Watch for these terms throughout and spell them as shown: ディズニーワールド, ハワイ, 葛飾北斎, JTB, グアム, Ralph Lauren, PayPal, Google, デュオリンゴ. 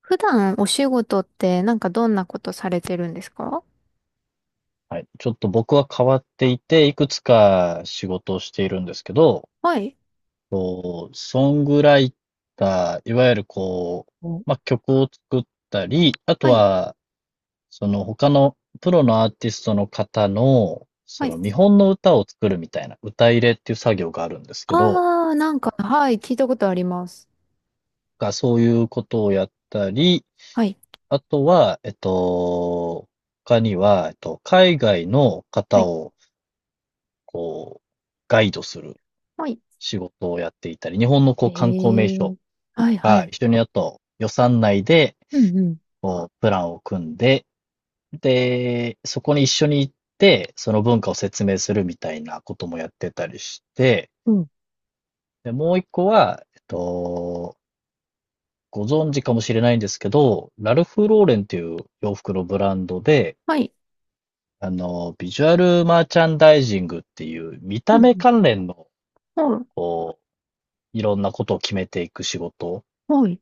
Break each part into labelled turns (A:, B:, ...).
A: 普段お仕事ってなんかどんなことされてるんですか？
B: はい。ちょっと僕は変わっていて、いくつか仕事をしているんですけど、
A: はい。
B: こうソングライター、いわゆるま
A: お
B: あ、曲を作ったり、あと
A: はい。
B: は、その他のプロのアーティストの方の、
A: は
B: そ
A: い。
B: の見本の歌を作るみたいな、歌入れっていう作業があるんですけど、
A: あー、なんか、はい、聞いたことあります。
B: がそういうことをやったり、
A: はい。
B: あとは、他には、海外の
A: は
B: 方
A: い。
B: を、こう、ガイドする
A: はい。
B: 仕事をやっていたり、日本のこ
A: へ
B: う観光名
A: え
B: 所
A: ー、はい、は
B: が
A: い。
B: 一緒にやると予算内で
A: うんうん、
B: こうプランを組んで、で、そこに一緒に行って、その文化を説明するみたいなこともやってたりして、
A: うん。
B: で、もう一個は、ご存知かもしれないんですけど、ラルフ・ローレンっていう洋服のブランドで、
A: はい。
B: あの、ビジュアルマーチャンダイジングっていう見
A: う
B: た目
A: ん、
B: 関連の、
A: うん。はい。
B: こう、いろんなことを決めていく仕事
A: はい。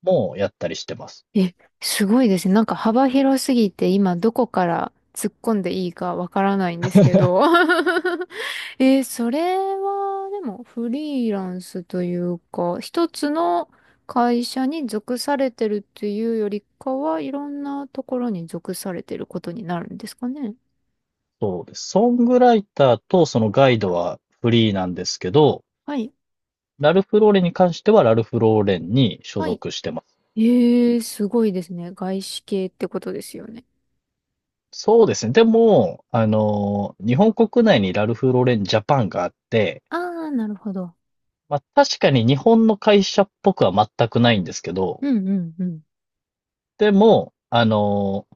B: もやったりしてます。
A: え、すごいですね。なんか幅広すぎて今どこから突っ込んでいいかわからないんですけど。それは、でも、フリーランスというか、一つの会社に属されてるっていうよりかは、いろんなところに属されてることになるんですかね。
B: そうです。ソングライターとそのガイドはフリーなんですけど、
A: はい。
B: ラルフローレンに関してはラルフローレンに所
A: はい。
B: 属してます。
A: えー、すごいですね。外資系ってことですよね。
B: そうですね。でも、あの、日本国内にラルフローレンジャパンがあって、
A: あー、なるほど。
B: まあ確かに日本の会社っぽくは全くないんですけど、
A: うんうんうん。
B: でも、あの、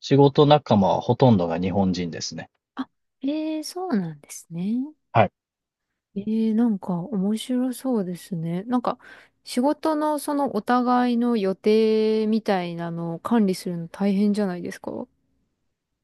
B: 仕事仲間はほとんどが日本人ですね。
A: あ、そうなんですね。
B: はい。
A: なんか面白そうですね。なんか仕事のそのお互いの予定みたいなのを管理するの大変じゃないですか？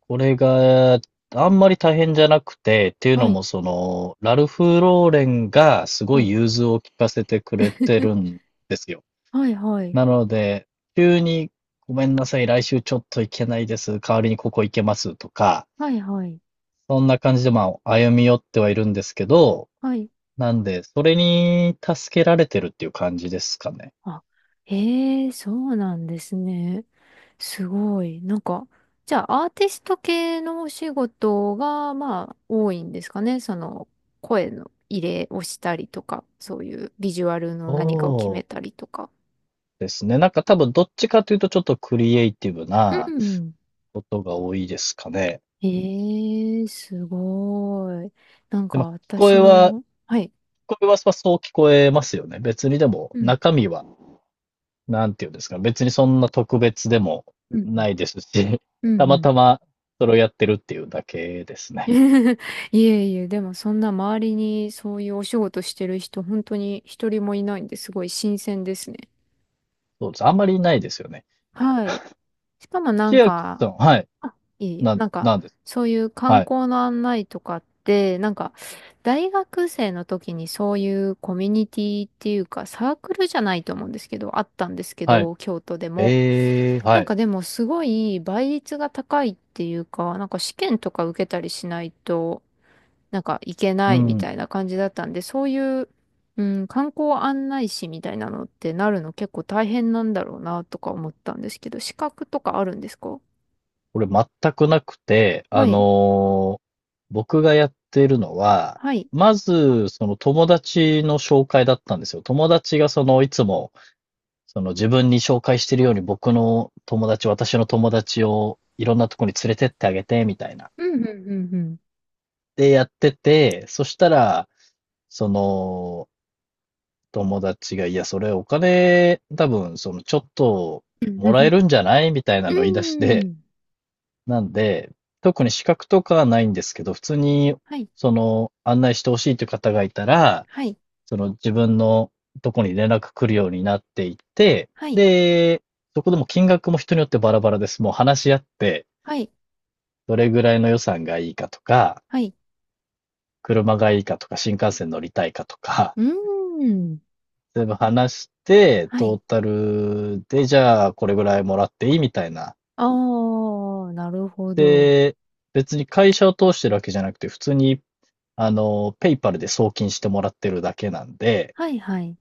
B: これが、あんまり大変じゃなくて、っていう
A: は
B: のも、
A: い、
B: その、ラルフ・ローレンがすご
A: は
B: い
A: い、
B: 融通を聞かせてくれてる んですよ。
A: はいはい、
B: なので、急に、ごめんなさい、来週ちょっと行けないです。代わりにここ行けますとか、
A: はいはい、
B: そんな感じで、まあ、歩み寄ってはいるんですけど、
A: はい。
B: なんで、それに助けられてるっていう感じですかね。
A: あ、ええー、そうなんですね。すごい。なんか、じゃあアーティスト系のお仕事が、まあ、多いんですかね。その、声の入れをしたりとか、そういうビジュアルの
B: そ
A: 何かを決めたりとか。
B: うですね。なんか多分どっちかというとちょっとクリエイティブ
A: う
B: な
A: ん、
B: ことが多いですかね。
A: ええ、すごい。なん
B: で、
A: か
B: まあ、こ
A: 私
B: えは、
A: の、はい。
B: 聞こえはそう聞こえますよね。別にでも、
A: うん、
B: 中身は、なんていうんですか、別にそんな特別でも
A: うん、
B: ないですし、
A: うん、う
B: た
A: ん。う
B: ま
A: ん。
B: たまそれをやってるっていうだけです
A: い
B: ね。
A: えいえ、でもそんな周りにそういうお仕事してる人、本当に一人もいないんですごい新鮮ですね。
B: そうです。あんまりないですよね。
A: はい。しかもなん
B: 千秋
A: か、
B: さん、はい。
A: あ、いえいえ、なんか、
B: なんです。
A: そういう観
B: はい。
A: 光の案内とかって、なんか、大学生の時にそういうコミュニティっていうか、サークルじゃないと思うんですけど、あったんですけ
B: はい。
A: ど、京都でも。
B: ええー、
A: な
B: は
A: ん
B: い。
A: かでもすごい倍率が高いっていうか、なんか試験とか受けたりしないと、なんかいけな
B: う
A: いみた
B: ん。
A: いな感じだったんで、そういう、うん、観光案内士みたいなのってなるの結構大変なんだろうなとか思ったんですけど、資格とかあるんですか？
B: これ全くなくて、
A: はい。
B: 僕がやってるのは、
A: はい。
B: まず、その友達の紹介だったんですよ。友達がその、いつも、その自分に紹介してるように僕の友達、私の友達をいろんなとこに連れてってあげて、みたいな。
A: うん、うん、
B: で、やってて、そしたら、その、友達が、いや、それお金、多分、その、ちょっと、
A: う
B: もらえ
A: ん、
B: るんじゃないみたい
A: うん。
B: なのを言い出し て、
A: うん。
B: なんで、特に資格とかはないんですけど、普通に、
A: はい。
B: その、案内してほしいという方がいたら、
A: はい。
B: その自分のとこに連絡来るようになっていて、
A: はい。
B: で、そこでも金額も人によってバラバラです。もう話し合って、
A: はい。
B: どれぐらいの予算がいいかとか、
A: はい。
B: 車がいいかとか、新幹線乗りたいかとか、
A: うーん。
B: 全部話して、
A: は
B: ト
A: い。
B: ータルで、じゃあこれぐらいもらっていいみたいな。
A: ああ、なるほど。
B: で、別に会社を通してるわけじゃなくて、普通に、あの、ペイパルで送金してもらってるだけなんで、
A: はい、はい。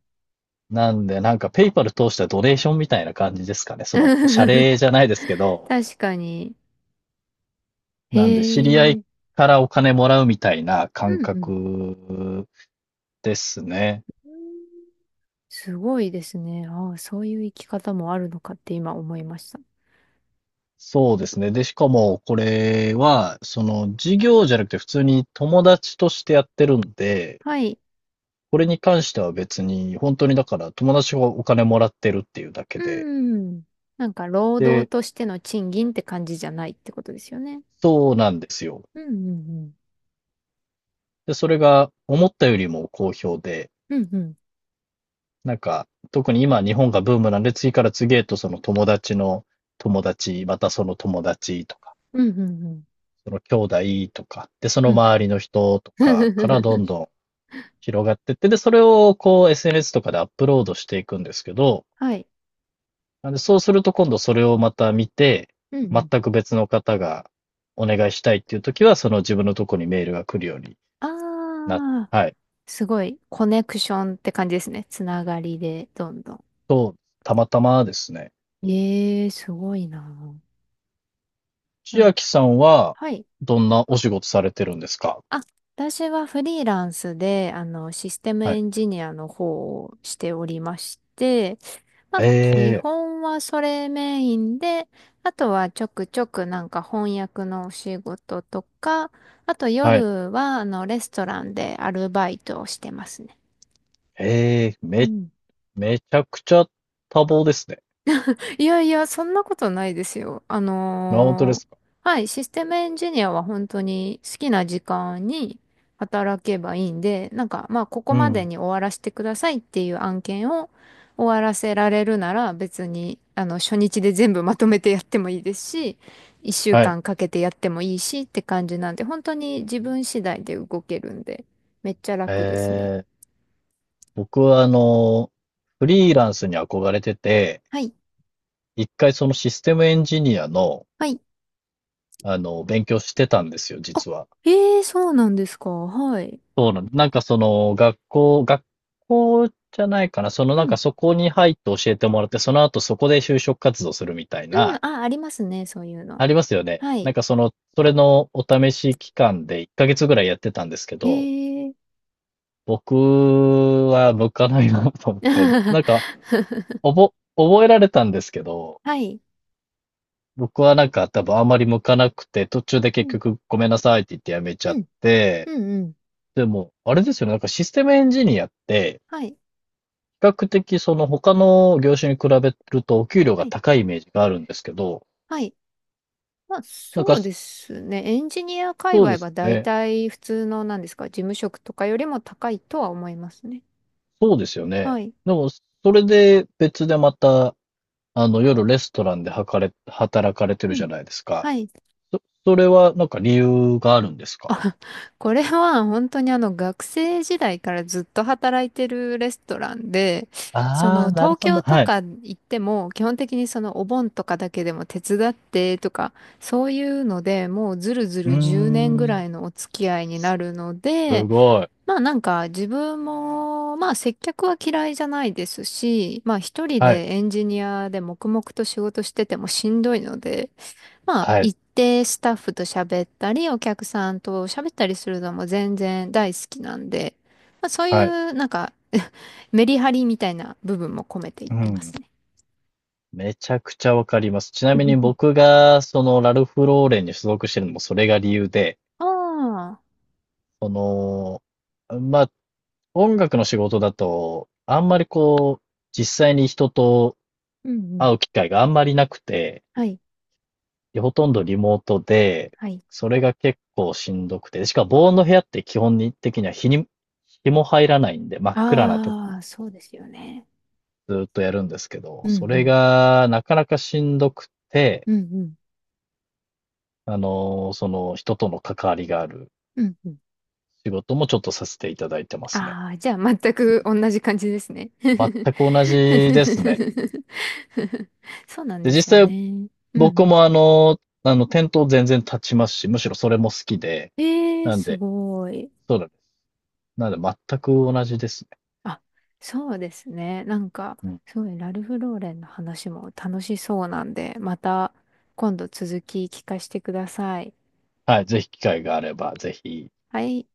B: なんで、なんかペイパル通したドネーションみたいな感じですかね。その、謝礼 じゃないですけど、
A: 確かに。へ
B: なんで、知り合い
A: え。
B: からお金もらうみたいな
A: う
B: 感
A: んうん。
B: 覚ですね。
A: すごいですね。ああ、そういう生き方もあるのかって今思いました。
B: そうですね。で、しかも、これは、その、事業じゃなくて普通に友達としてやってるんで、
A: はい。
B: これに関しては別に、本当にだから友達がお金もらってるっていうだけ
A: う
B: で、
A: ん。なんか、労働
B: で、
A: としての賃金って感じじゃないってことですよね。
B: そうなんですよ。
A: うんうん
B: で、それが思ったよりも好評で、
A: うん。うんうん。
B: なんか、特に今日本がブームなんで、次から次へとその友達の友達、またその友達とか、
A: うんうん
B: その兄弟とか、で、その
A: うん。うん。
B: 周りの人とかからど んどん広がってって、で、それをこう SNS とかでアップロードしていくんですけど、
A: はい。
B: なんでそうすると今度それをまた見て、
A: うんうん。
B: 全く別の方がお願いしたいっていう時は、その自分のとこにメールが来るようになっ、
A: ああ、
B: はい。
A: すごい。コネクションって感じですね。つながりで、どんどん。
B: と、たまたまですね。
A: ええ、すごいな。な
B: 千
A: ん
B: 秋さんは
A: はい。
B: どんなお仕事されてるんですか？
A: あ、私はフリーランスで、あの、システム
B: は
A: エ
B: い。
A: ンジニアの方をしておりまして、まあ、
B: え
A: 基
B: え、
A: 本はそれメインで、あとはちょくちょくなんか翻訳のお仕事とか、あと
B: はい。
A: 夜は、あの、レストランでアルバイトをしてますね。
B: ええ、
A: うん、
B: めちゃくちゃ多忙ですね。
A: いやいや、そんなことないですよ。
B: あ、本当ですか。
A: はい、システムエンジニアは本当に好きな時間に働けばいいんで、なんか、まあ、ここ
B: う
A: まで
B: ん。
A: に終わらせてくださいっていう案件を終わらせられるなら別に、あの、初日で全部まとめてやってもいいですし、一週
B: はい。
A: 間かんかけてやってもいいしって感じなんで、本当に自分次第で動けるんで、めっちゃ
B: え
A: 楽ですね。
B: え、僕はあの、フリーランスに憧れてて、
A: はい、
B: 一回そのシステムエンジニアの、
A: はい。
B: あの、勉強してたんですよ、
A: あ、
B: 実は。
A: ええー、そうなんですか。はい。
B: そうなん、なんかその、学校じゃないかな。その
A: う
B: なんか
A: ん
B: そこに入って教えてもらって、その後そこで就職活動するみたい
A: うん、
B: な、
A: あ、ありますね、そういうの。
B: ありますよね。
A: は
B: なん
A: い。
B: かその、それのお試し期間で1ヶ月ぐらいやってたんですけ
A: へ
B: ど、
A: え。
B: 僕は向かないなと思って、なんか、覚えられたんですけど、
A: はい。
B: 僕はなんか多分あんまり向かなくて、途中で
A: う
B: 結
A: ん、
B: 局ごめんなさいって言ってやめちゃ
A: う
B: っ
A: ん、
B: て、
A: うん、うん。
B: でも、あれですよね、なんかシステムエンジニアって、
A: はい、
B: 比較的その他の業種に比べるとお給料
A: は
B: が
A: い、
B: 高いイメージがあるんですけど、
A: はい。まあ、
B: なんか
A: そうですね。エンジニア界
B: そう
A: 隈
B: です
A: は
B: よ
A: 大
B: ね。
A: 体普通の、なんですか、事務職とかよりも高いとは思いますね。
B: そうですよね。
A: はい。
B: でも、それで別でまたあの、夜レストランでは働かれてる
A: う
B: じゃ
A: ん。
B: ないですか。
A: はい。
B: それはなんか理由があるんですか？
A: これは本当にあの学生時代からずっと働いてるレストランで、そ
B: あ
A: の
B: あー、なる
A: 東
B: ほ
A: 京
B: ど。
A: と
B: はい。
A: か行っても基本的にそのお盆とかだけでも手伝ってとか、そういうのでもうずるず
B: うー
A: る10年ぐら
B: ん。
A: いのお付き合いになるの
B: す
A: で、
B: ごい。
A: まあなんか自分もまあ接客は嫌いじゃないですし、まあ一人
B: はい。
A: でエンジニアで黙々と仕事しててもしんどいので、まあ、
B: はい。
A: 行ってスタッフと喋ったり、お客さんと喋ったりするのも全然大好きなんで、まあ、そうい
B: はい。
A: う、なんか、 メリハリみたいな部分も込めていっ
B: う
A: てます
B: ん。
A: ね。
B: めちゃくちゃわかります。ちなみに 僕が、その、ラルフ・ローレンに所属してるのもそれが理由で、
A: ああ、
B: その、まあ、音楽の仕事だと、あんまりこう、実際に人と
A: うんうん。
B: 会う機会があんまりなくて、
A: はい、
B: で、ほとんどリモートで、
A: はい。
B: それが結構しんどくて、しかも防音の部屋って基本的には日に、日も入らないんで、真っ暗なところ
A: あ
B: で
A: あ、そう
B: こ
A: ですよね。
B: う、ずーっとやるんですけど、
A: うん
B: それ
A: う
B: がなかなかしんどくて、
A: ん。うんうん。
B: その人との関わりがある
A: うんうん。
B: 仕事もちょっとさせていただいてますね。
A: ああ、じゃあ全
B: うん、
A: く同じ感じですね。
B: 全く同じですね。
A: そうなん
B: で、
A: ですよ
B: 実際
A: ね。うんう
B: 僕
A: ん。
B: もあの、あの、店頭全然立ちますし、むしろそれも好きで、
A: ええー、
B: なん
A: す
B: で、
A: ごい。
B: そうだね。なんで全く同じですね。
A: あ、そうですね。なんか、
B: うん、
A: そうね、ラルフ・ローレンの話も楽しそうなんで、また今度続き聞かせてください。
B: はい、ぜひ機会があれば、ぜひ、
A: はい。